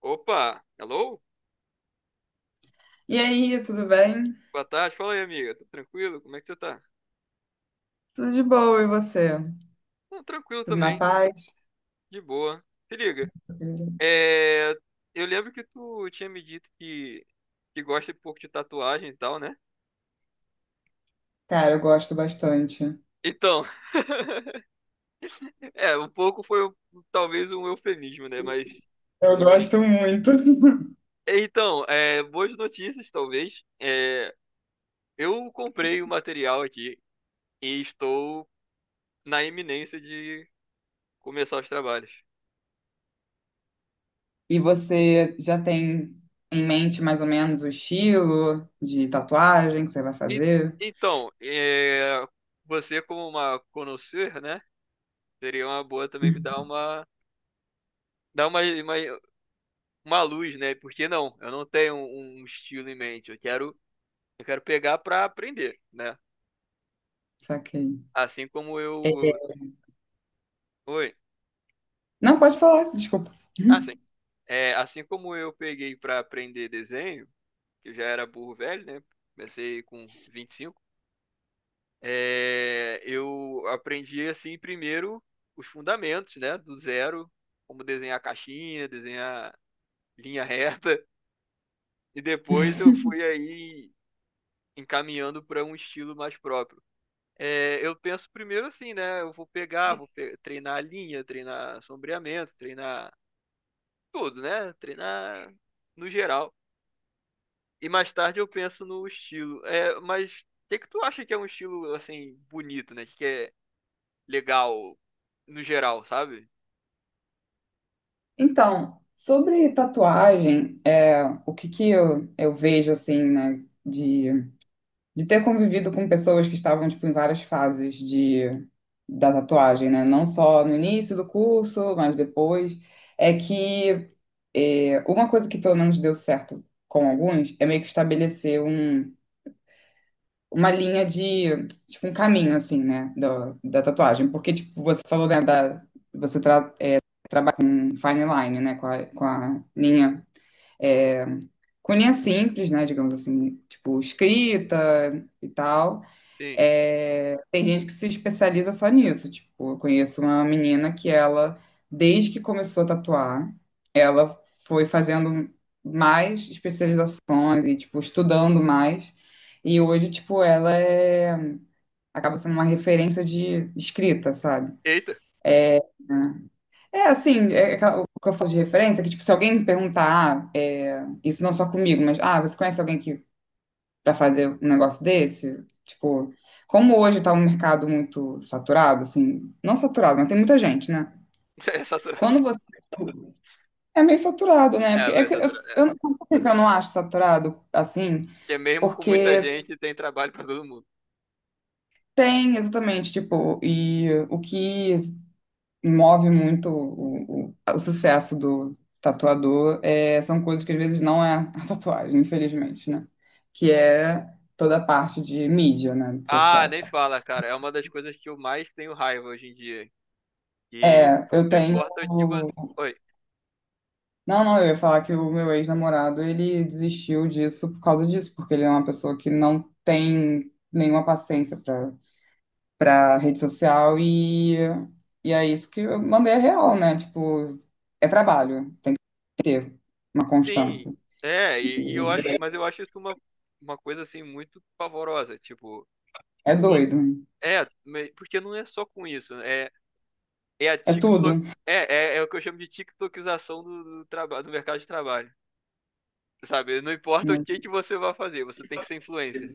Opa, hello? E aí, tudo bem? Boa tarde, fala aí, amiga. Tudo tranquilo? Como é que você tá? Tudo de boa, e você? Não, tranquilo Tudo na também, paz? de boa. Se liga. É, eu lembro que tu tinha me dito que gosta um pouco de tatuagem e tal, né? Cara, eu gosto bastante. Então, é, um pouco foi talvez um eufemismo, né? Mas, Eu enfim. gosto muito. Então, é, boas notícias, talvez. É, eu comprei o material aqui e estou na iminência de começar os trabalhos. E você já tem em mente mais ou menos o estilo de tatuagem que você vai E- fazer? Então, é, você como uma conhecer, né? Seria uma boa também me dar dar uma, uma, uma luz, né? Porque não, eu não tenho um estilo em mente. Eu quero pegar para aprender, né? Saquei. Assim como É. eu, oi, Não, pode falar, desculpa. assim, é, assim como eu peguei para aprender desenho, que eu já era burro velho, né? Comecei com 25. É, eu aprendi assim primeiro os fundamentos, né? Do zero, como desenhar caixinha, desenhar linha reta, e depois eu fui aí encaminhando para um estilo mais próprio. É, eu penso primeiro assim, né? Eu vou pegar, treinar a linha, treinar sombreamento, treinar tudo, né? Treinar no geral. E mais tarde eu penso no estilo. É, mas o que que tu acha que é um estilo assim bonito, né? Que é legal no geral, sabe? Então, sobre tatuagem, o que que eu vejo assim, né, de ter convivido com pessoas que estavam tipo em várias fases de da tatuagem, né? Não só no início do curso, mas depois, é que é, uma coisa que pelo menos deu certo com alguns é meio que estabelecer uma linha de tipo um caminho assim, né, da tatuagem, porque tipo você falou, né, da você trata um fine line, né, com a linha, é, com linha simples, né, digamos assim, tipo escrita e tal. Sim. É, tem gente que se especializa só nisso. Tipo, eu conheço uma menina que ela, desde que começou a tatuar, ela foi fazendo mais especializações e, tipo, estudando mais. E hoje, tipo, acaba sendo uma referência de escrita, sabe? Eita, É assim, o que eu falo de referência é que, tipo, se alguém me perguntar, ah, é, isso não só comigo, mas, ah, você conhece alguém que para fazer um negócio desse? Tipo, como hoje está um mercado muito saturado, assim, não saturado, mas tem muita gente, né? é saturado. Quando você é meio saturado, né? É, Porque é é que saturado. É. eu, não- sabe por que eu não acho saturado assim, Porque mesmo com muita porque gente tem trabalho para todo mundo. tem exatamente, tipo, e o que move muito o sucesso do tatuador é, são coisas que às vezes não é a tatuagem, infelizmente, né? Que é toda a parte de mídia, né? Ah, Social. nem fala, cara. É uma das coisas que eu mais tenho raiva hoje em dia. E É, eu não tenho. importa o que você. Oi. Não, não, eu ia falar que o meu ex-namorado ele desistiu disso por causa disso, porque ele é uma pessoa que não tem nenhuma paciência pra rede social e é isso que eu mandei a real, né? Tipo, é trabalho, ter uma constância. Sim, é, e eu acho, E mas eu acho isso uma coisa assim muito pavorosa. Tipo, É to- doido, é, porque não é só com isso, né? É a é tudo, TikTok. É o que eu chamo de TikTokização do trabalho, do mercado de trabalho. Sabe? Não importa o né? que que você vai fazer, você tem que ser influencer.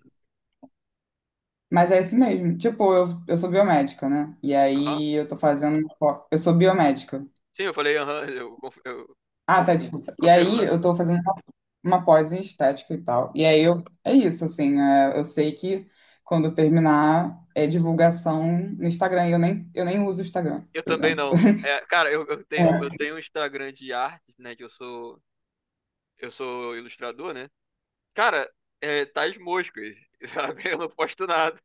Mas é isso mesmo. Tipo, eu sou biomédica, né? E Aham. aí eu tô fazendo. Uma pós- Eu sou biomédica. Sim, eu falei, aham, eu Ah, tá, desculpa. E aí confirmando. eu tô fazendo uma pós em estética e tal. E aí eu, é isso, assim, é, eu sei que quando eu terminar é divulgação no Instagram, e eu nem uso o Instagram, Eu por também exemplo. não. É, cara, eu, eu tenho eu É. tenho um Instagram de arte, né? Que eu sou ilustrador, né? Cara, tá as moscas, sabe? Eu não posto nada.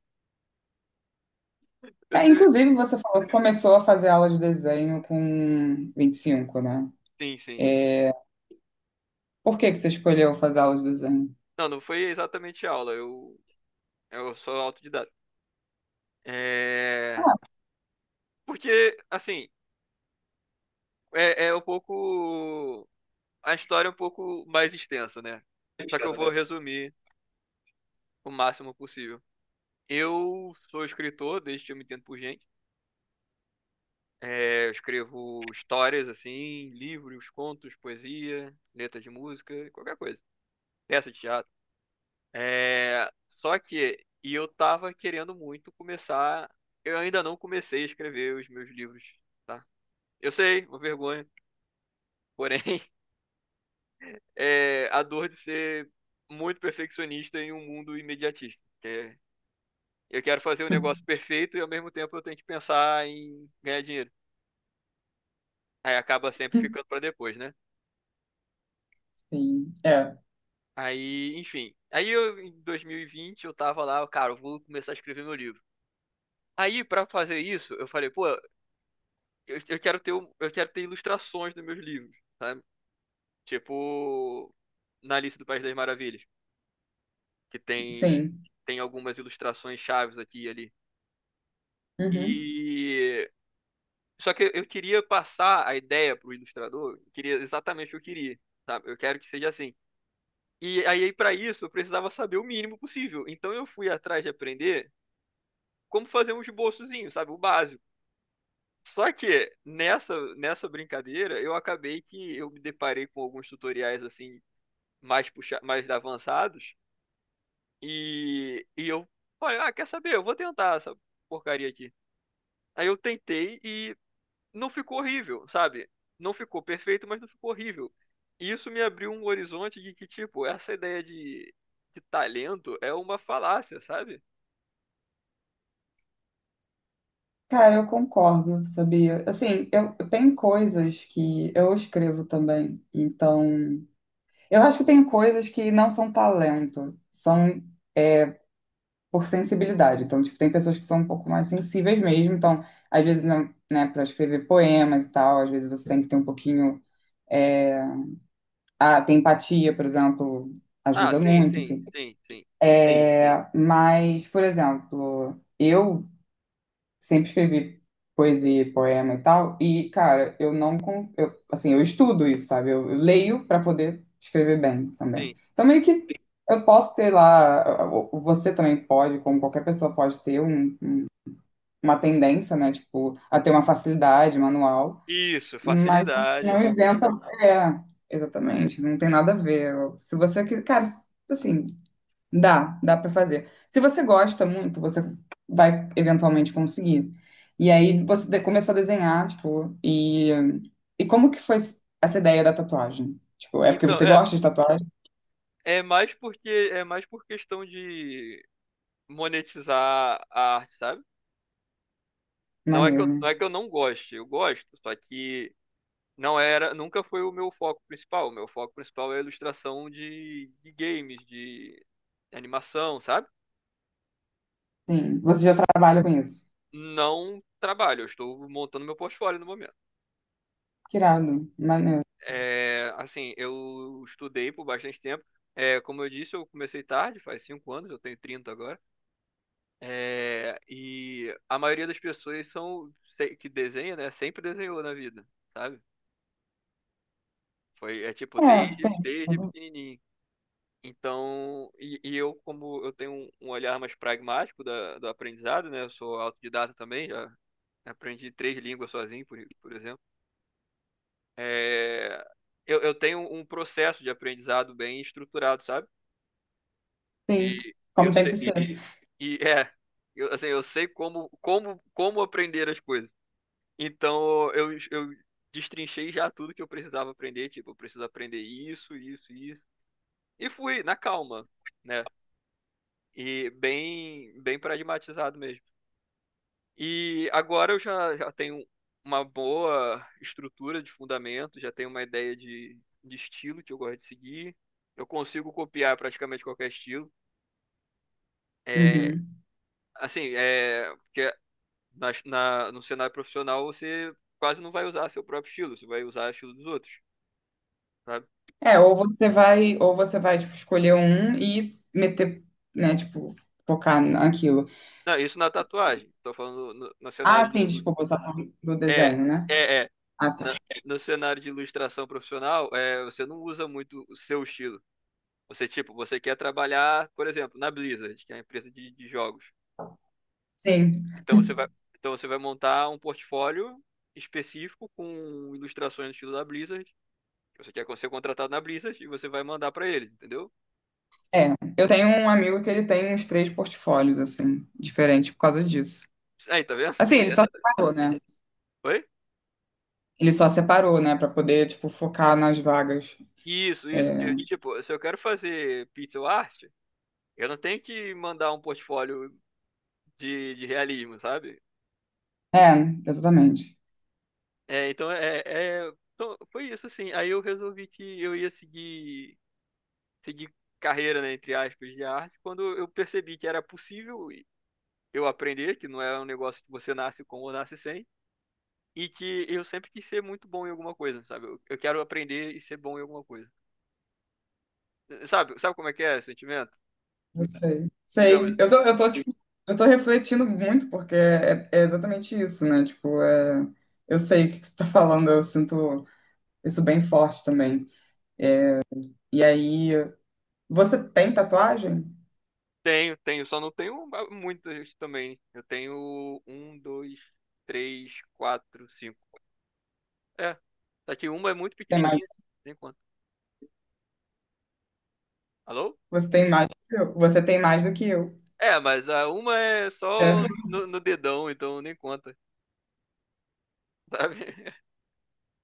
Eu É, sempre- inclusive, você falou que começou a fazer aula de desenho com 25, né? Sim, sim. Por que que você escolheu fazer aula de desenho? Não, não foi exatamente aula. Eu sou autodidata. É... Porque assim, é, é um pouco a história é um pouco mais extensa, né? Só que eu vou resumir o máximo possível. Eu sou escritor desde que eu me entendo por gente. É, eu escrevo histórias, assim, livros, contos, poesia, letra de música, qualquer coisa. Peça de teatro. É, só que, e eu tava querendo muito começar. Eu ainda não comecei a escrever os meus livros, tá? Eu sei, uma vergonha. Porém, é a dor de ser muito perfeccionista em um mundo imediatista, que é, eu quero fazer um negócio perfeito e ao mesmo tempo eu tenho que pensar em ganhar dinheiro. Aí acaba sempre ficando pra depois, né? Sim, é, Aí, enfim. Aí eu, em 2020, eu tava lá, cara, eu vou começar a escrever meu livro. Aí, pra fazer isso, eu falei, pô, eu quero ter ilustrações dos meus livros, sabe? Tipo, na Alice do País das Maravilhas, que tem, sim. tem algumas ilustrações chaves aqui e ali. Uhum. E. Só que eu queria passar a ideia pro ilustrador, eu queria exatamente o que eu queria, sabe? Eu quero que seja assim. E aí, pra isso, eu precisava saber o mínimo possível. Então, eu fui atrás de aprender como fazer um esboçozinho, sabe? O básico. Só que nessa brincadeira, eu acabei que eu me deparei com alguns tutoriais assim, mais puxa, mais avançados, e eu falei, ah, quer saber? Eu vou tentar essa porcaria aqui. Aí eu tentei e não ficou horrível, sabe? Não ficou perfeito, mas não ficou horrível. E isso me abriu um horizonte de que, tipo, essa ideia de talento é uma falácia, sabe? Cara, eu concordo, sabia? Assim, eu tenho coisas que eu escrevo também, então eu acho que tem coisas que não são talento, são por sensibilidade. Então, tipo, tem pessoas que são um pouco mais sensíveis mesmo. Então, às vezes, não- né, para escrever poemas e tal, às vezes você tem que ter um pouquinho. Ah, tem empatia, por exemplo, Ah, ajuda sim, muito, sim, enfim. Sim. sim, sim, É, mas, por exemplo, eu sempre escrevi poesia, e poema e tal, e, cara, eu não. con- eu, assim, eu estudo isso, sabe? Eu leio para poder escrever bem sim. também. Então, meio que. Eu posso ter lá, você também pode, como qualquer pessoa pode ter uma tendência, né? Tipo, a ter uma facilidade manual, Isso, mas facilidade. não isenta. É, exatamente, não tem nada a ver. Se você quer, cara, assim, dá pra fazer. Se você gosta muito, você vai eventualmente conseguir. E aí começou a desenhar, tipo, e como que foi essa ideia da tatuagem? Tipo, é porque Então, você é. gosta de tatuagem? É mais porque é mais por questão de monetizar a arte, sabe? Não é que Maneiro, eu, não né? é que eu não goste, eu gosto, só que não era, nunca foi o meu foco principal. O meu foco principal é a ilustração de games, de animação, sabe? Sim, você já trabalha com isso. Não trabalho, eu estou montando meu portfólio no momento. Que irado, maneiro. É, assim, eu estudei por bastante tempo. É, como eu disse, eu comecei tarde, faz 5 anos, eu tenho 30 agora. É, e a maioria das pessoas são que desenha, né? Sempre desenhou na vida, sabe? Foi, é tipo, É, desde, tem. desde pequenininho. Então, e eu, como eu tenho um olhar mais pragmático da, do aprendizado, né? Eu sou autodidata também, já aprendi três línguas sozinho, por exemplo. É, eu tenho um processo de aprendizado bem estruturado, sabe? Sim, Que eu como tem que sei, ser. e eu, assim, eu sei como aprender as coisas. Então eu destrinchei já tudo que eu precisava aprender, tipo, eu preciso aprender isso, isso, isso. E fui na calma, né? E bem, bem pragmatizado mesmo. E agora eu já tenho uma boa estrutura de fundamento, já tenho uma ideia de estilo que eu gosto de seguir. Eu consigo copiar praticamente qualquer estilo. É, Uhum. assim, porque no cenário profissional você quase não vai usar seu próprio estilo, você vai usar o estilo dos outros, sabe? É, ou você vai, tipo, escolher um e meter, né, tipo, focar naquilo. Não, isso na tatuagem. Tô falando no Ah, cenário de. sim, desculpa, você tá falando do É, desenho, né? é, é. Ah, tá. Na- no cenário de ilustração profissional, você não usa muito o seu estilo. Você, tipo, você quer trabalhar, por exemplo, na Blizzard, que é a empresa de jogos. Sim, Então você vai, então você vai montar um portfólio específico com ilustrações no estilo da Blizzard. Você quer ser contratado na Blizzard e você vai mandar pra eles, entendeu? é. Eu tenho um amigo que ele tem uns três portfólios, assim, diferentes por causa disso. Aí, tá vendo? Assim, ele só separou, né? Oi? Ele só separou, né, pra poder, tipo, focar nas vagas. Isso, isso. Porque, tipo, se eu quero fazer pixel art, eu não tenho que mandar um portfólio de realismo, sabe? É, exatamente. É, então então, foi isso assim. Aí eu resolvi que eu ia seguir carreira, né, entre aspas, de arte, quando eu percebi que era possível eu aprender, que não é um negócio que você nasce com ou nasce sem, e que eu sempre quis ser muito bom em alguma coisa, sabe? Eu quero aprender e ser bom em alguma coisa. Sabe como é que é esse sentimento? Eu sei, Digamos. sei. Sei. Tipo, eu tô refletindo muito, porque é, é exatamente isso, né? Tipo, é, eu sei o que que você tá falando, eu sinto isso bem forte também. E aí, você tem tatuagem? Tenho, só não tenho muitos também. Eu tenho um, dois, três, quatro, cinco. É. Só que uma é muito Tem mais, pequenininha, nem conta. Alô? você tem mais do que eu. Você tem mais do que eu. É, mas a uma é É. só no dedão, então nem conta, sabe?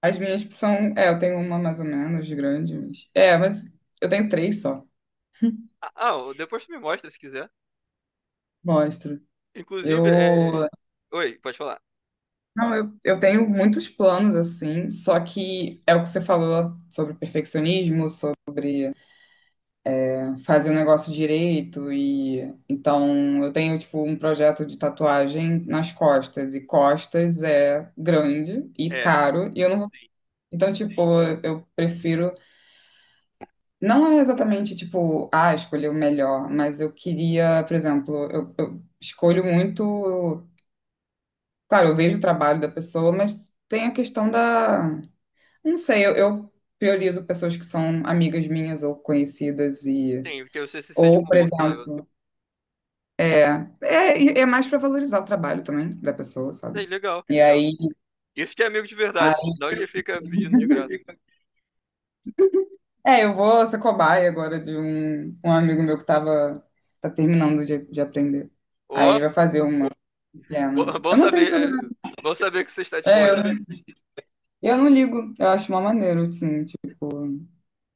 As minhas são, é, eu tenho uma mais ou menos de grande, mas, é, mas eu tenho três só. Ah, ah, depois tu me mostra se quiser. Mostro. Inclusive, é. Eu, Oi, pode falar. não, eu tenho muitos planos assim, só que é o que você falou sobre perfeccionismo, fazer o negócio direito, e então eu tenho tipo um projeto de tatuagem nas costas, e costas é grande e É, caro e eu não vou... sim, então tipo eu prefiro, não é exatamente tipo ah escolher o melhor, mas eu queria, por exemplo, eu escolho muito, claro eu vejo o trabalho da pessoa, mas tem a questão da, não sei, eu priorizo pessoas que são amigas minhas ou conhecidas, e sim, porque você se sente ou por confortável. exemplo É, e é mais para valorizar o trabalho também da pessoa, É, sabe? legal, E legal. aí, Isso que é amigo de verdade, aí- não que fica pedindo de graça. é, eu vou ser cobaia agora de um amigo meu que tava, tá terminando de aprender. Aí Ó, ele vai fazer uma pequena. bo- bom Eu não tenho problema. saber, bom saber que você está É, disposto. eu não ligo. Eu acho uma maneira, assim, tipo,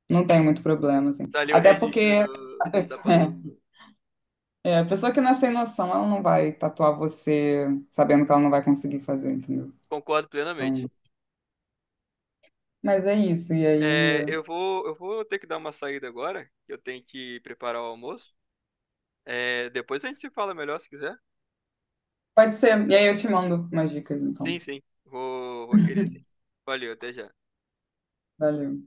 não tenho muito problema, assim. Tá ali o Até registro porque a do, da pessoa, passagem. é, a pessoa que não é sem noção, ela não vai tatuar você sabendo que ela não vai conseguir fazer, entendeu? Concordo Então, plenamente. mas é isso. E É, aí. eu vou, ter que dar uma saída agora, que eu tenho que preparar o almoço. É, depois a gente se fala melhor se quiser. Pode ser. E aí eu te mando umas dicas, Sim, então. sim. Vou querer sim. Valeu, até já. Valeu.